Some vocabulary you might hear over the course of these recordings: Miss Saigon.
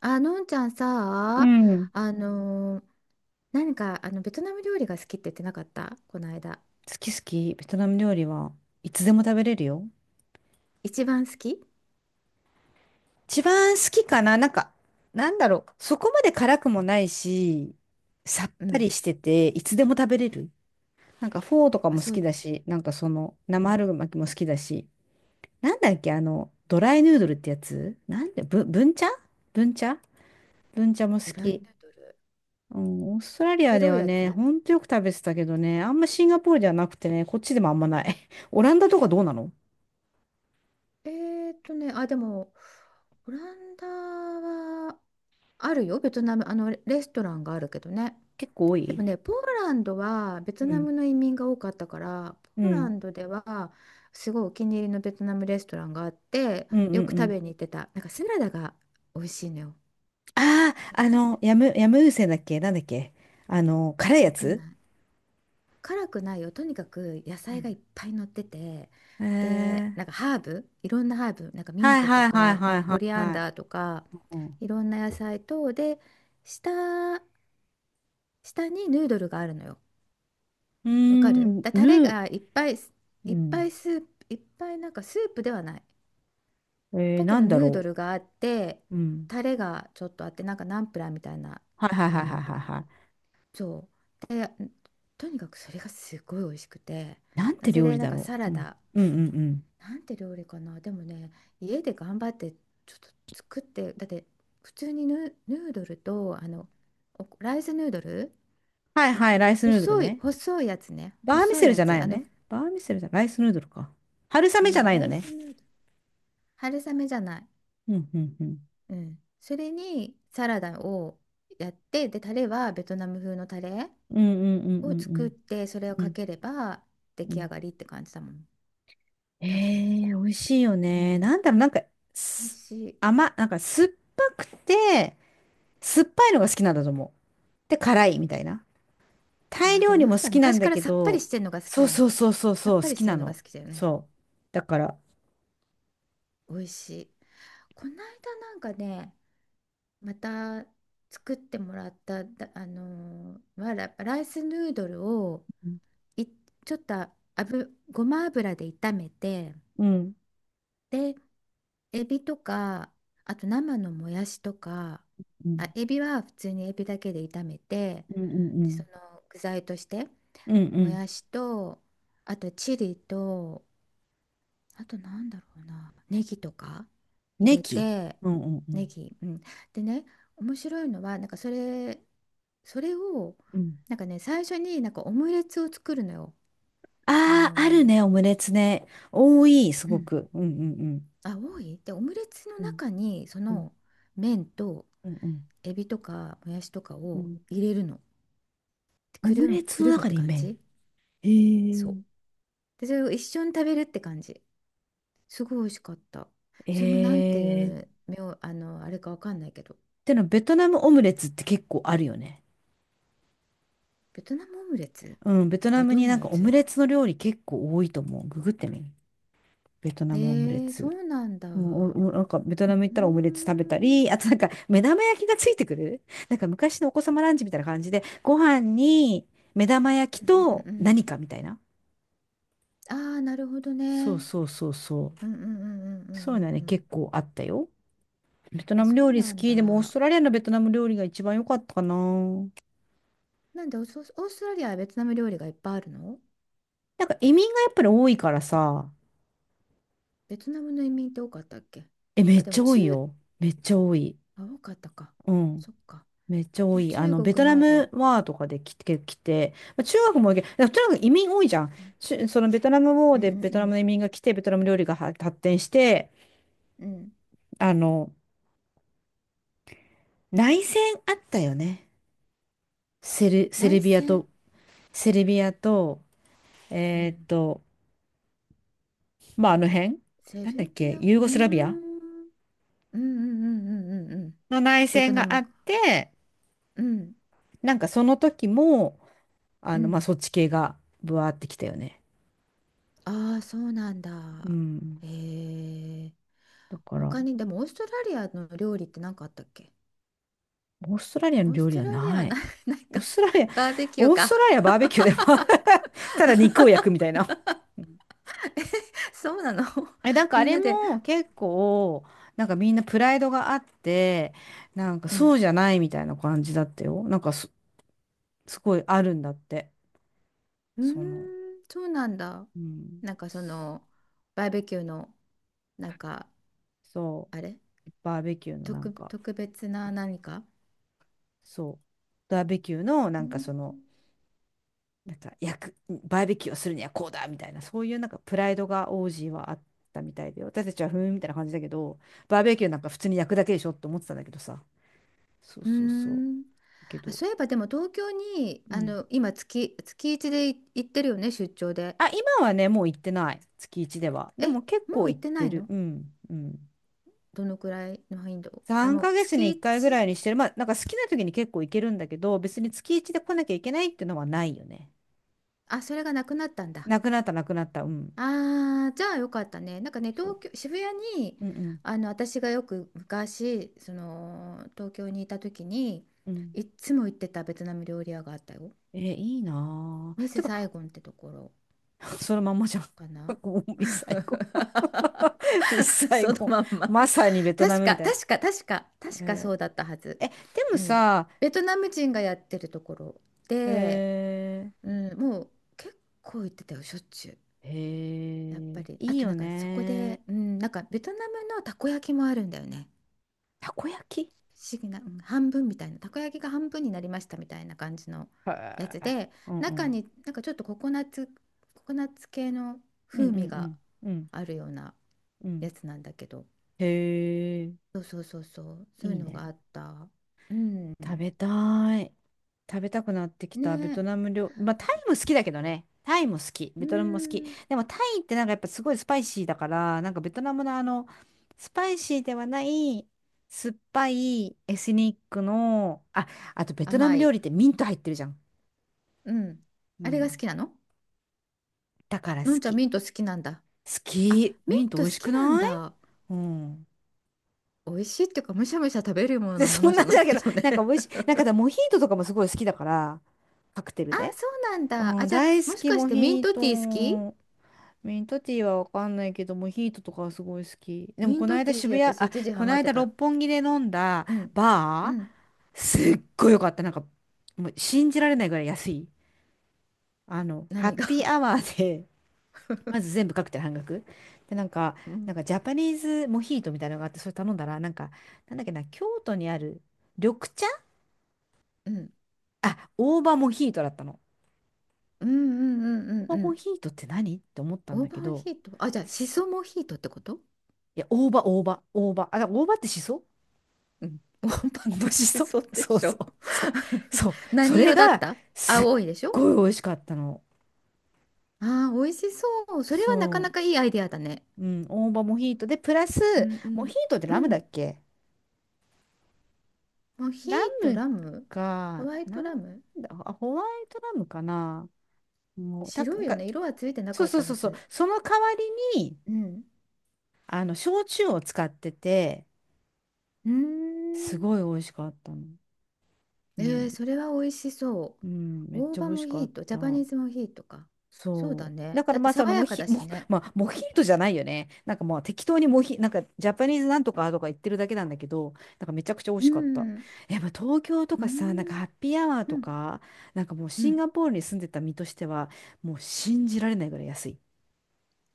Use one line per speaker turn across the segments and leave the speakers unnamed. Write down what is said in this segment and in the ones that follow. あ、のんちゃん
う
さ、
ん。
あのー何かベトナム料理が好きって言ってなかった、この間。
好き好き。ベトナム料理はいつでも食べれるよ。
一番好き。
一番好きかななんか、なんだろう。そこまで辛くもないし、さっ
う
ぱ
ん。
りしてて、いつでも食べれる。なんかフォーとか
あ、
も好
そう、
きだし、なんかその
う
生
ん。
春巻きも好きだし、なんだっけ、あの、ドライヌードルってやつなんで、ブンチャブンチャも
グ
好
ライ
き。
ナドル。
うん、オーストラリアで
白い
は
や
ね、
つ。
ほんとよく食べてたけどね、あんまシンガポールではなくてね、こっちでもあんまない。オランダとかどうなの？
あ、でも、オランダはあるよ、ベトナム。あの、レストランがあるけどね。
結構多
で
い。
もね、ポーランドはベト
う
ナ
ん
ムの移民が多かったから、
う
ポーラ
ん。
ンドではすごいお気に入りのベトナムレストランがあって、
うんう
よく
んう
食
ん。
べに行ってた。なんかサラダが美味しいのよ。
あ
これ
あ、あ
なん
の、
て。
ヤムウセだっけ、なんだっけ。あの、辛いや
わかん
つ。
ない。辛くないよ、とにかく野
う
菜
ん。
がいっぱい乗ってて、
え
で
ー。
なんかハーブ、いろんなハーブ、なんかミン
はい
トと
はいはい
か、ま
は
あ、
いは
コリ
い
アン
は
ダーとか、
い。うん、う
いろんな野菜と、で下下にヌードルがあるのよ。
ー
わかる
ん
だ、タレ
ぬ、
がいっぱい、
う
いっぱい
ん。
スープ、いっぱい、なんかスープではない
えー、
だけ
な
ど、
んだ
ヌード
ろ
ルがあって、
う。うん。
タレがちょっとあって、なんかナンプラーみたいな、
はい
なん
はい
か
は
レ
い
モ
はい
ンと
はい
か。
はい。
そうで、とにかくそれがすごい美味しくて。
なん
な
て
ぜ
料
で、
理
なん
だ
か
ろ
サ
う。
ラ
うん。
ダ、
うんうんうん。
なんて料理かな。でもね、家で頑張ってちょっと作って、だって普通にヌードルと、おライスヌードル、
はいはい、ライスヌードル
細い
ね。
細いやつね、
バーミ
細
セ
い
ル
や
じゃない
つ、
よね。バーミセルじゃ、ライスヌードルか。春
う
雨じゃ
ん、
ない
ラ
の
イ
ね。
スヌードル、春雨じゃない、
うんうんうん。
うん、それにサラダをやって、でタレはベトナム風のタレ
うんうんう
を
んう
作っ
ん
て、それを
うん。う
か
ん
ければ出
う
来上
ん。
がりって感じだもん、
え
多分。
え、美味しいよ
う
ね。
ん。
なんだろう、なんか、
美味
す
しい。
なんか酸っぱくて、酸っぱいのが好きなんだと思う。で、辛いみたいな。
あ
タイ
ー、で
料
も
理
の
も
んち
好
ゃん
きなん
昔
だ
から
け
さっぱり
ど、
してんのが好き
そ
じ
う
ゃん。
そうそうそう
さ
そ
っ
う、好
ぱりし
き
てる
な
のが
の。
好きだよね。
そう。だから、
美味しい。この間なんかね、また作ってもらった。だ、あのーライスヌードルを、
うん。
い、ちょっと油、ごま油で炒めて、
うん。
で、エビとか、あと生のもやしとか、
う
あ、
ん
エビは普通にエビだけで炒めて、
うんう
でそ
ん。
の具材として。
うんう
も
ん。
やしと、あとチリと、あとなんだろうな、ネギとか入
ネ
れ
ギ。
て、
うんうんう
ネ
ん。
ギ、うん。でね、面白いのは、それを、
うん。
なんかね、最初になんかオムレツを作るのよ。あ
ああ、ある
の、
ね、オムレツね。多い、す
う
ご
ん。
く。うんうんうん。
あ、多いで、オムレツの
うん
中に、そ
うん
の麺と、
うんうん。
エビとかもやしとか
う
を
ん。
入れるの。
オ
く
ム
る
レ
む、
ツ
く
の
るむっ
中
て
に
感
麺。
じ。
へ
そ
え。
う。で、それを一緒に食べるって感じ。すごい美味しかった。
え
それもなんていう
ー、
名、あの、あれかわかんないけど、
でもベトナムオムレツって結構あるよね。
ベトナムオムレツ、
うん、ベト
あ
ナ
れ、
ム
ど
に
ん
な
な
ん
や
かオム
つ？
レツの料理結構多いと思う。ググってみ。ベト
え
ナムオムレ
ー、そ
ツ。
うなんだ。う
うん、おお、なんかベトナム
ー
行ったらオムレツ食べたり、
ん。
あとなんか目玉焼きがついてくる。なんか昔のお子様ランチみたいな感じで、ご飯に目玉焼き
うんうんう
と
んうん。
何かみたいな。
ああー、なるほどね。う
そう
ん
そうそうそう。
うんうんうんうんう
そういうのはね、
んうん。
結構あったよ。ベト
あ、
ナム
そう
料理
な
好
ん
き。でもオース
だ。
トラリアのベトナム料理が一番良かったかな。な
なんでオーストラリアはベトナム料理がいっぱいあるの？
んか移民がやっぱり多いからさ、
ベトナムの移民って多かったっけ？
え、めっ
あ、で
ち
も
ゃ多
中、
いよ。めっちゃ多い。
あ、多かったか。
うん。
そっか。
めっちゃ
で
多
も
い。あ
中
の、ベト
国
ナム
の、
ワーとかで来て、まあ中学も多いけど、でとにかく移民多いじゃん。
うん
しそのベトナムウォー
うん
でベ
う
トナムの
ん
移民が来て、ベトナム料理がは発展して、
うん。
あの、内戦あったよね。セル
内
ビア
戦。
と、セルビアと、
う
えーっ
ん、
と、まあ、あの辺
セ
なんだっ
ルビ
け、
ア、う
ユー
ー
ゴスラビア
ん、うんうんうんうんうんうん。
の内
ベト
戦
ナ
があ
ム、
って、
うん
なんかその時も、あ
う
の、まあ、
ん。
そっち系がブワーってきたよね。
ああ、そうなん
う
だ。
ん。
へえ。
だから、
他に、でもオーストラリアの料理って何かあったっけ？
オーストラリアの
オース
料理
ト
は
ラリアは
な
な
い。
い、なん
オー
か。
ストラリア、
バーベキュー
オースト
か。
ラリアバーベキューでも ただ肉を焼くみたいな。うん。
え、そうなの？
え、なん かあ
みん
れ
なで。
も結構、なんかみんなプライドがあって、なんか
うん。
そうじゃないみたいな感じだったよ。すごいあるんだって。
うーん、
その、
そうなんだ。
うん。
なんかその、バーベキューの、なんか、
そ
あれ、
う。バーベキューのなんか、
特別な何か。
そう。バーベキューのな
う
んか
ん。
その、なんか焼く、バーベキューをするにはこうだみたいな、そういうなんかプライドが王子はあったみたいで、私たちはふーんみたいな感じだけど、バーベキューなんか普通に焼くだけでしょって思ってたんだけどさ。そう
うー
そうそう。
ん。
だけ
あ、
ど、
そういえばでも東京に
う
あ
ん。
の今月、月1でい行ってるよね、出張で。
あ、今はね、もう行ってない。月一では。で
え、
も結
もう
構
行っ
行っ
てな
て
い
る。
の？
うん、うん。
どのくらいの頻度、あ、
3
もう
ヶ月に
月
1回ぐ
1？
らいにしてる。まあ、なんか好きな時に結構行けるんだけど、別に月一で来なきゃいけないっていうのはないよね。
あ、それがなくなったんだ。
なくなった、なくなった。うん。
ああ、じゃあよかったね。なんかね、
そう。
東京、渋谷に
うんうん。
あの私がよく昔その東京にいた時に
うん。
いっつも行ってたベトナム料理屋があったよ。
え、いいな
ミ
ぁ。
ス
て
サイ
か
ゴンってところ
そのまんまじゃん。
かな。
ミスサイゴン。 ミ スサイ
その
ゴ
まん
ン
ま。
まさにベトナ
確
ム
か、
みたい
確か、確か、
な。
確か
え
そ
ー。
うだったはず。
え、でも
うん。
さ、
ベトナム人がやってるところで、う
え
ん、もう結構行ってたよ、しょっちゅう。
ー、え
やっぱ
ー、
り。あ
いい
とな
よ
んかそこ
ね。
で、うん、なんかベトナムのたこ焼きもあるんだよね。
たこ焼き。
不思議な、うん、半分みたいな、たこ焼きが半分になりましたみたいな感じの
へ
やつ
ー。
で、
うんう
中
ん。
になんかちょっとココナッツ系の
うんう
風味が
んうん。うん
あるような
うん。
やつなんだけど。
へえ、
そうそうそうそう、そうい
いい
うの
ね。
があった。うん。
食べたい。食べたくなってきたベト
ね、
ナム料理。まあ、タイも好きだけどね。タイも好き。
う
ベトナムも好き。
ん。
でもタイってなんかやっぱすごいスパイシーだから、なんかベトナムのあの、スパイシーではない、酸っぱいエスニックの、あ、あとベトナ
甘
ム料
い。
理ってミント入ってるじゃん。
うん。
う
あれが好
ん。
きなの？
だから好
のんちゃん
き。
ミント好きなんだ。
好
あ、
き。
ミ
ミン
ン
ト美
ト
味
好
し
き
く
なん
ない？
だ。
うん。
美味しいっていうか、むしゃむしゃ食べるよう
で、
なも
そ
の
ん
じ
な
ゃ
んじ
な
ゃ
い
ないけ
け
ど、
ど
なんか美
ね。
味しい。なんかだモ ヒートとかもすごい好きだから、カクテル
あ、
で。
そうなんだ。
う
あ、
ん、
じゃ
大
あ、
好
もし
き、
かし
モ
てミン
ヒー
トティー好き？
ト。ミントティーはわかんないけど、モヒートとかはすごい好き。でも、
ミ
こ
ン
の
トテ
間
ィー、
渋谷、
私
あ、
一時
こ
ハ
の
マって
間
た。
六本木で飲んだ
うん。う
バ
ん。
ー、す
う
っ
ん。
ごい良かった。なんか、もう信じられないぐらい安い。あの、ハッ
何が？
ピーアワーで まず全部カクテル半額。で、なんか、
うん。
なんかジャパニーズモヒートみたいなのがあって、それ頼んだら、なんか、なんだっけな、京都にある緑茶、
うん。
あ、大葉モヒートだったの。
うんうんうん
大
うん
葉
う
モ
ん。
ヒートって何って思ったん
オ
だ
ーバ
け
ー
ど、
ヒート。あ、じゃあ、シ
す、
ソモヒートってこと？
いや、大葉。あ、だから大葉ってしそ。
うん。ワンパンって
面白
し
そう。
そで
そう
し
そ
ょ？
う。そう。そう。そ
何
れ
色だっ
が、
た？
すっ
青いでしょ？
ごい美味しかったの。
ああー、美味しそう。それはなか
そ
なかいいアイデアだね。
う。うん。大葉モヒートで、プラス、
うんう
モヒ
ん
ートって
う
ラムだ
ん。
っけ？
モヒー
ラ
ト
ム
ラム？ホ
か、
ワイ
な
ト
ん
ラム。
だ、あ、ホワイトラムかな。もう、た、
白
なん
いよ
か、
ね。色はついてな
そう
かっ
そう
た
そ
は
うそう。
ず。
その代わりに、
うん。
あの、焼酎を使ってて、
うー
す
ん。
ごい美味しかったの。
え
も
ー、
う、
それは美味しそ
うん、
う。
めっ
大
ちゃ美
葉
味
モ
しか
ヒ
っ
ート、ジャパ
た。
ニーズモヒートか。そうだ
そう。だ
ね。
か
だ
ら
って
まあそ
爽
のモ
やか
ヒ、
だし
も
ね。
まあ、モヒートじゃないよね。なんかまあ適当にモヒ、なんかジャパニーズなんとかとか言ってるだけなんだけど、なんかめちゃくちゃ美味
う
しかった。
ん。
やっぱ東京と
う
かさ、なんか
ん。
ハッピーアワー
う
と
ん。
か、なんかもう
う
シン
ん。
ガポールに住んでた身としては、もう信じられないぐらい安い。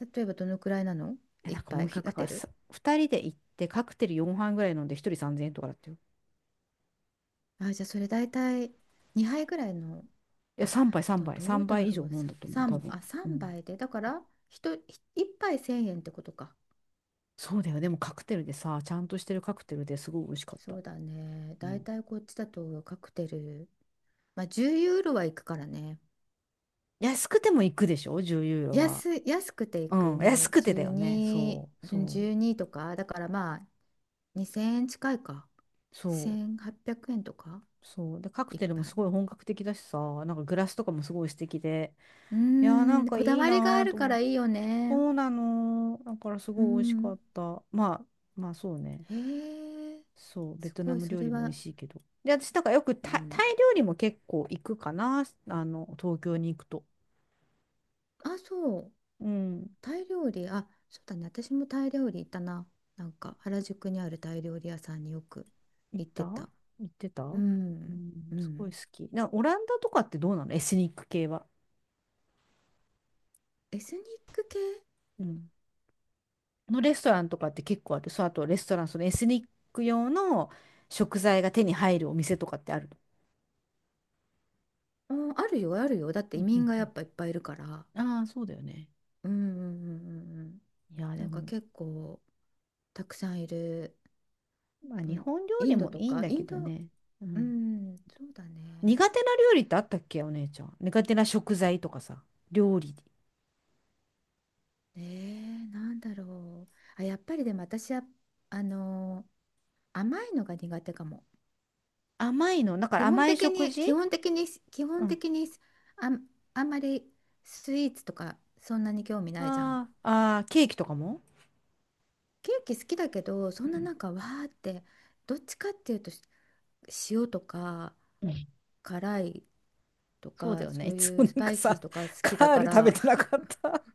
例えばどのくらいなの？
え、
一
なんかモ
杯
ヒ、
カ
なん
ク
か
テ
さ、
ル。
2人で行ってカクテル4杯ぐらい飲んで1人3000円とかだったよ。
あ、じゃあそれ大体2杯ぐらいの。
え、
あ、でもどう
3
だ
倍以上
ろう。
飲ん
さ
だと思う、多
三
分。
あ、
う
3
ん。
杯で。だから、ひとひ一杯1000円ってことか。
そうだよ。でもカクテルでさ、ちゃんとしてるカクテルですごい美味しかっ
そ
た。
うだね。
う
大
ん。
体こっちだとカクテル。まあ10ユーロはいくからね。
安くても行くでしょ？ 10 ユーロは。
安い、安くてい
う
く
ん。安
ね。
くてだよね。
12、
そう、
うん12とか。だからまあ2000円近いか。
そ
1800円とか。
そう。で、カク
一
テルもす
杯。
ごい本格的だしさ、なんかグラスとかもすごい素敵で。
う
いやー、なん
ーん、
かい
こだ
い
わりが
な
あ
ー
る
と
か
思っ
ら
て。
いいよね。
そうなの。だからす
う
ごい美味しか
ん。
った。まあ、まあそうね。
へえ、
そう、ベ
す
トナ
ごい、
ム
そ
料
れ
理も美味
は、
しいけど。で、私なんかよく
う
タイ、
ん。
タイ料理も結構行くかな。あの、東京に行くと。
あ、そう、
うん。
タイ料理、あ、そうだね、私もタイ料理行ったな。なんか、原宿にあるタイ料理屋さんによく
行っ
行っ
た、
て
行
た。
ってた。
う
う
ん、
ん、
う
すごい
ん。
好き。な、オランダとかってどうなの？エスニック系は。
エスニック系。
うん、のレストランとかって結構ある？そう、あとレストラン、そのエスニック用の食材が手に入るお店とかってある？
うん、あるよ、あるよ。だって
う
移
んう
民
ん
が
う
や
ん。
っぱいっぱいいるから。
ああー、そうだよね。
うん、うん、うん、うんうん。
いや、で
なんか
も、
結構、たくさんいる。
まあ
う
日
ん、
本料
イ
理
ンド
も
と
いいん
か、
だ
イ
け
ンド、
どね。う
う
ん。
ん、そうだね。
苦手な料理ってあったっけ、お姉ちゃん？苦手な食材とかさ、料理。
ねえ、なんだろう。あ、やっぱりでも私は、あのー甘いのが苦手かも。
甘いの、だか
基
ら
本
甘い
的
食
に、
事？
基本的に、基
う
本
ん。
的に、あん、あんまりスイーツとかそんなに興味ないじゃん。
ああ、ああ、ケーキとかも？
ケーキ好きだけど、そ
う
んな
ん。
なんかわーって、どっちかっていうと、塩とか
うん。
辛いと
そうだ
か、
よね。
そ
い
う
つ
い
も
う
な
ス
ん
パ
か
イシー
さ、
とか好きだ
カー
か
ル
ら、
食べ
わ
てなかった？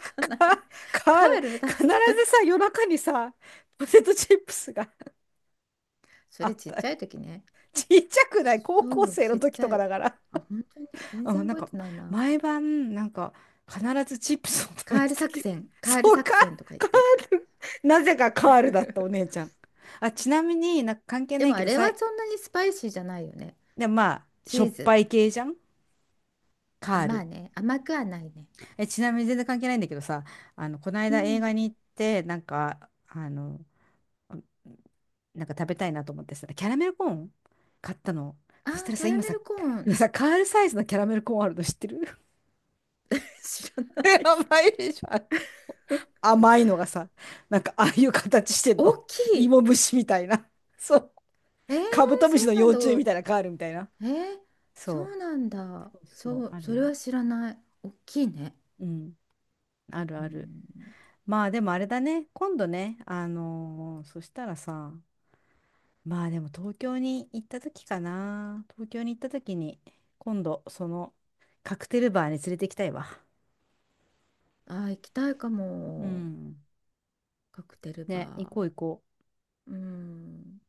か、
かんない。
カ
カ
ール、
ール食
必ず
べて、
さ、夜中にさ、ポテトチップスが
そ
あ
れ
っ
ちっ
た
ち
よ。
ゃい時ね。
ちっちゃくない、高
そ
校
う
生
ち
の
っ
時
ち
と
ゃ
か
い、
だから。
あ本当に全
う
然
ん、なん
覚え
か、
てないな。
毎晩、なんか、必ずチップスを食べ
カー
て
ル
た
作
気が。
戦 カ
そ
ール
うか、
作戦とか言っ
カ
て。
ール。なぜかカールだった、お姉 ちゃん。あ、ちなみになんか関係
で
ない
も
け
あ
ど
れ
さ、
はそんなにスパイシーじゃないよね。
でもまあ、
チ
しょっ
ー
ぱ
ズ、
い系じゃん、カ
あ、
ー
まあ
ル。
ね、甘くはないね。
え、ちなみに全然関係ないんだけどさ、あの、この
う
間映
ん、
画に行って、なんか、あの、なんか食べたいなと思ってさ、キャラメルコーン買ったの。
あ
そした
ー
ら
キ
さ、
ャラ
今
メ
さ、
ルコー
今
ン。
さ、カールサイズのキャラメルコーンあるの知ってる？
知らない。
甘 いでしょ。あの 甘いのがさ、なんかああいう形してん
大
の。
きい。
芋虫みたいな。そう。
えー、
カブトム
そ
シの
うなん
幼
だ。
虫みたいな、カー
え
ルみたいな。
ー、そ
そ
うなんだ、
う。そうそう、
そう、
ある
そ
よ。
れは知らない、大きいね。
うん。ある
う
ある。
ん。
まあでもあれだね。今度ね、あのー、そしたらさ、まあでも東京に行った時かな。東京に行った時に、今度そのカクテルバーに連れて行きたいわ。
あー行きたいか
う
も。
ん。
カクテル
ね、行
バ
こう行こう。
ー、うん。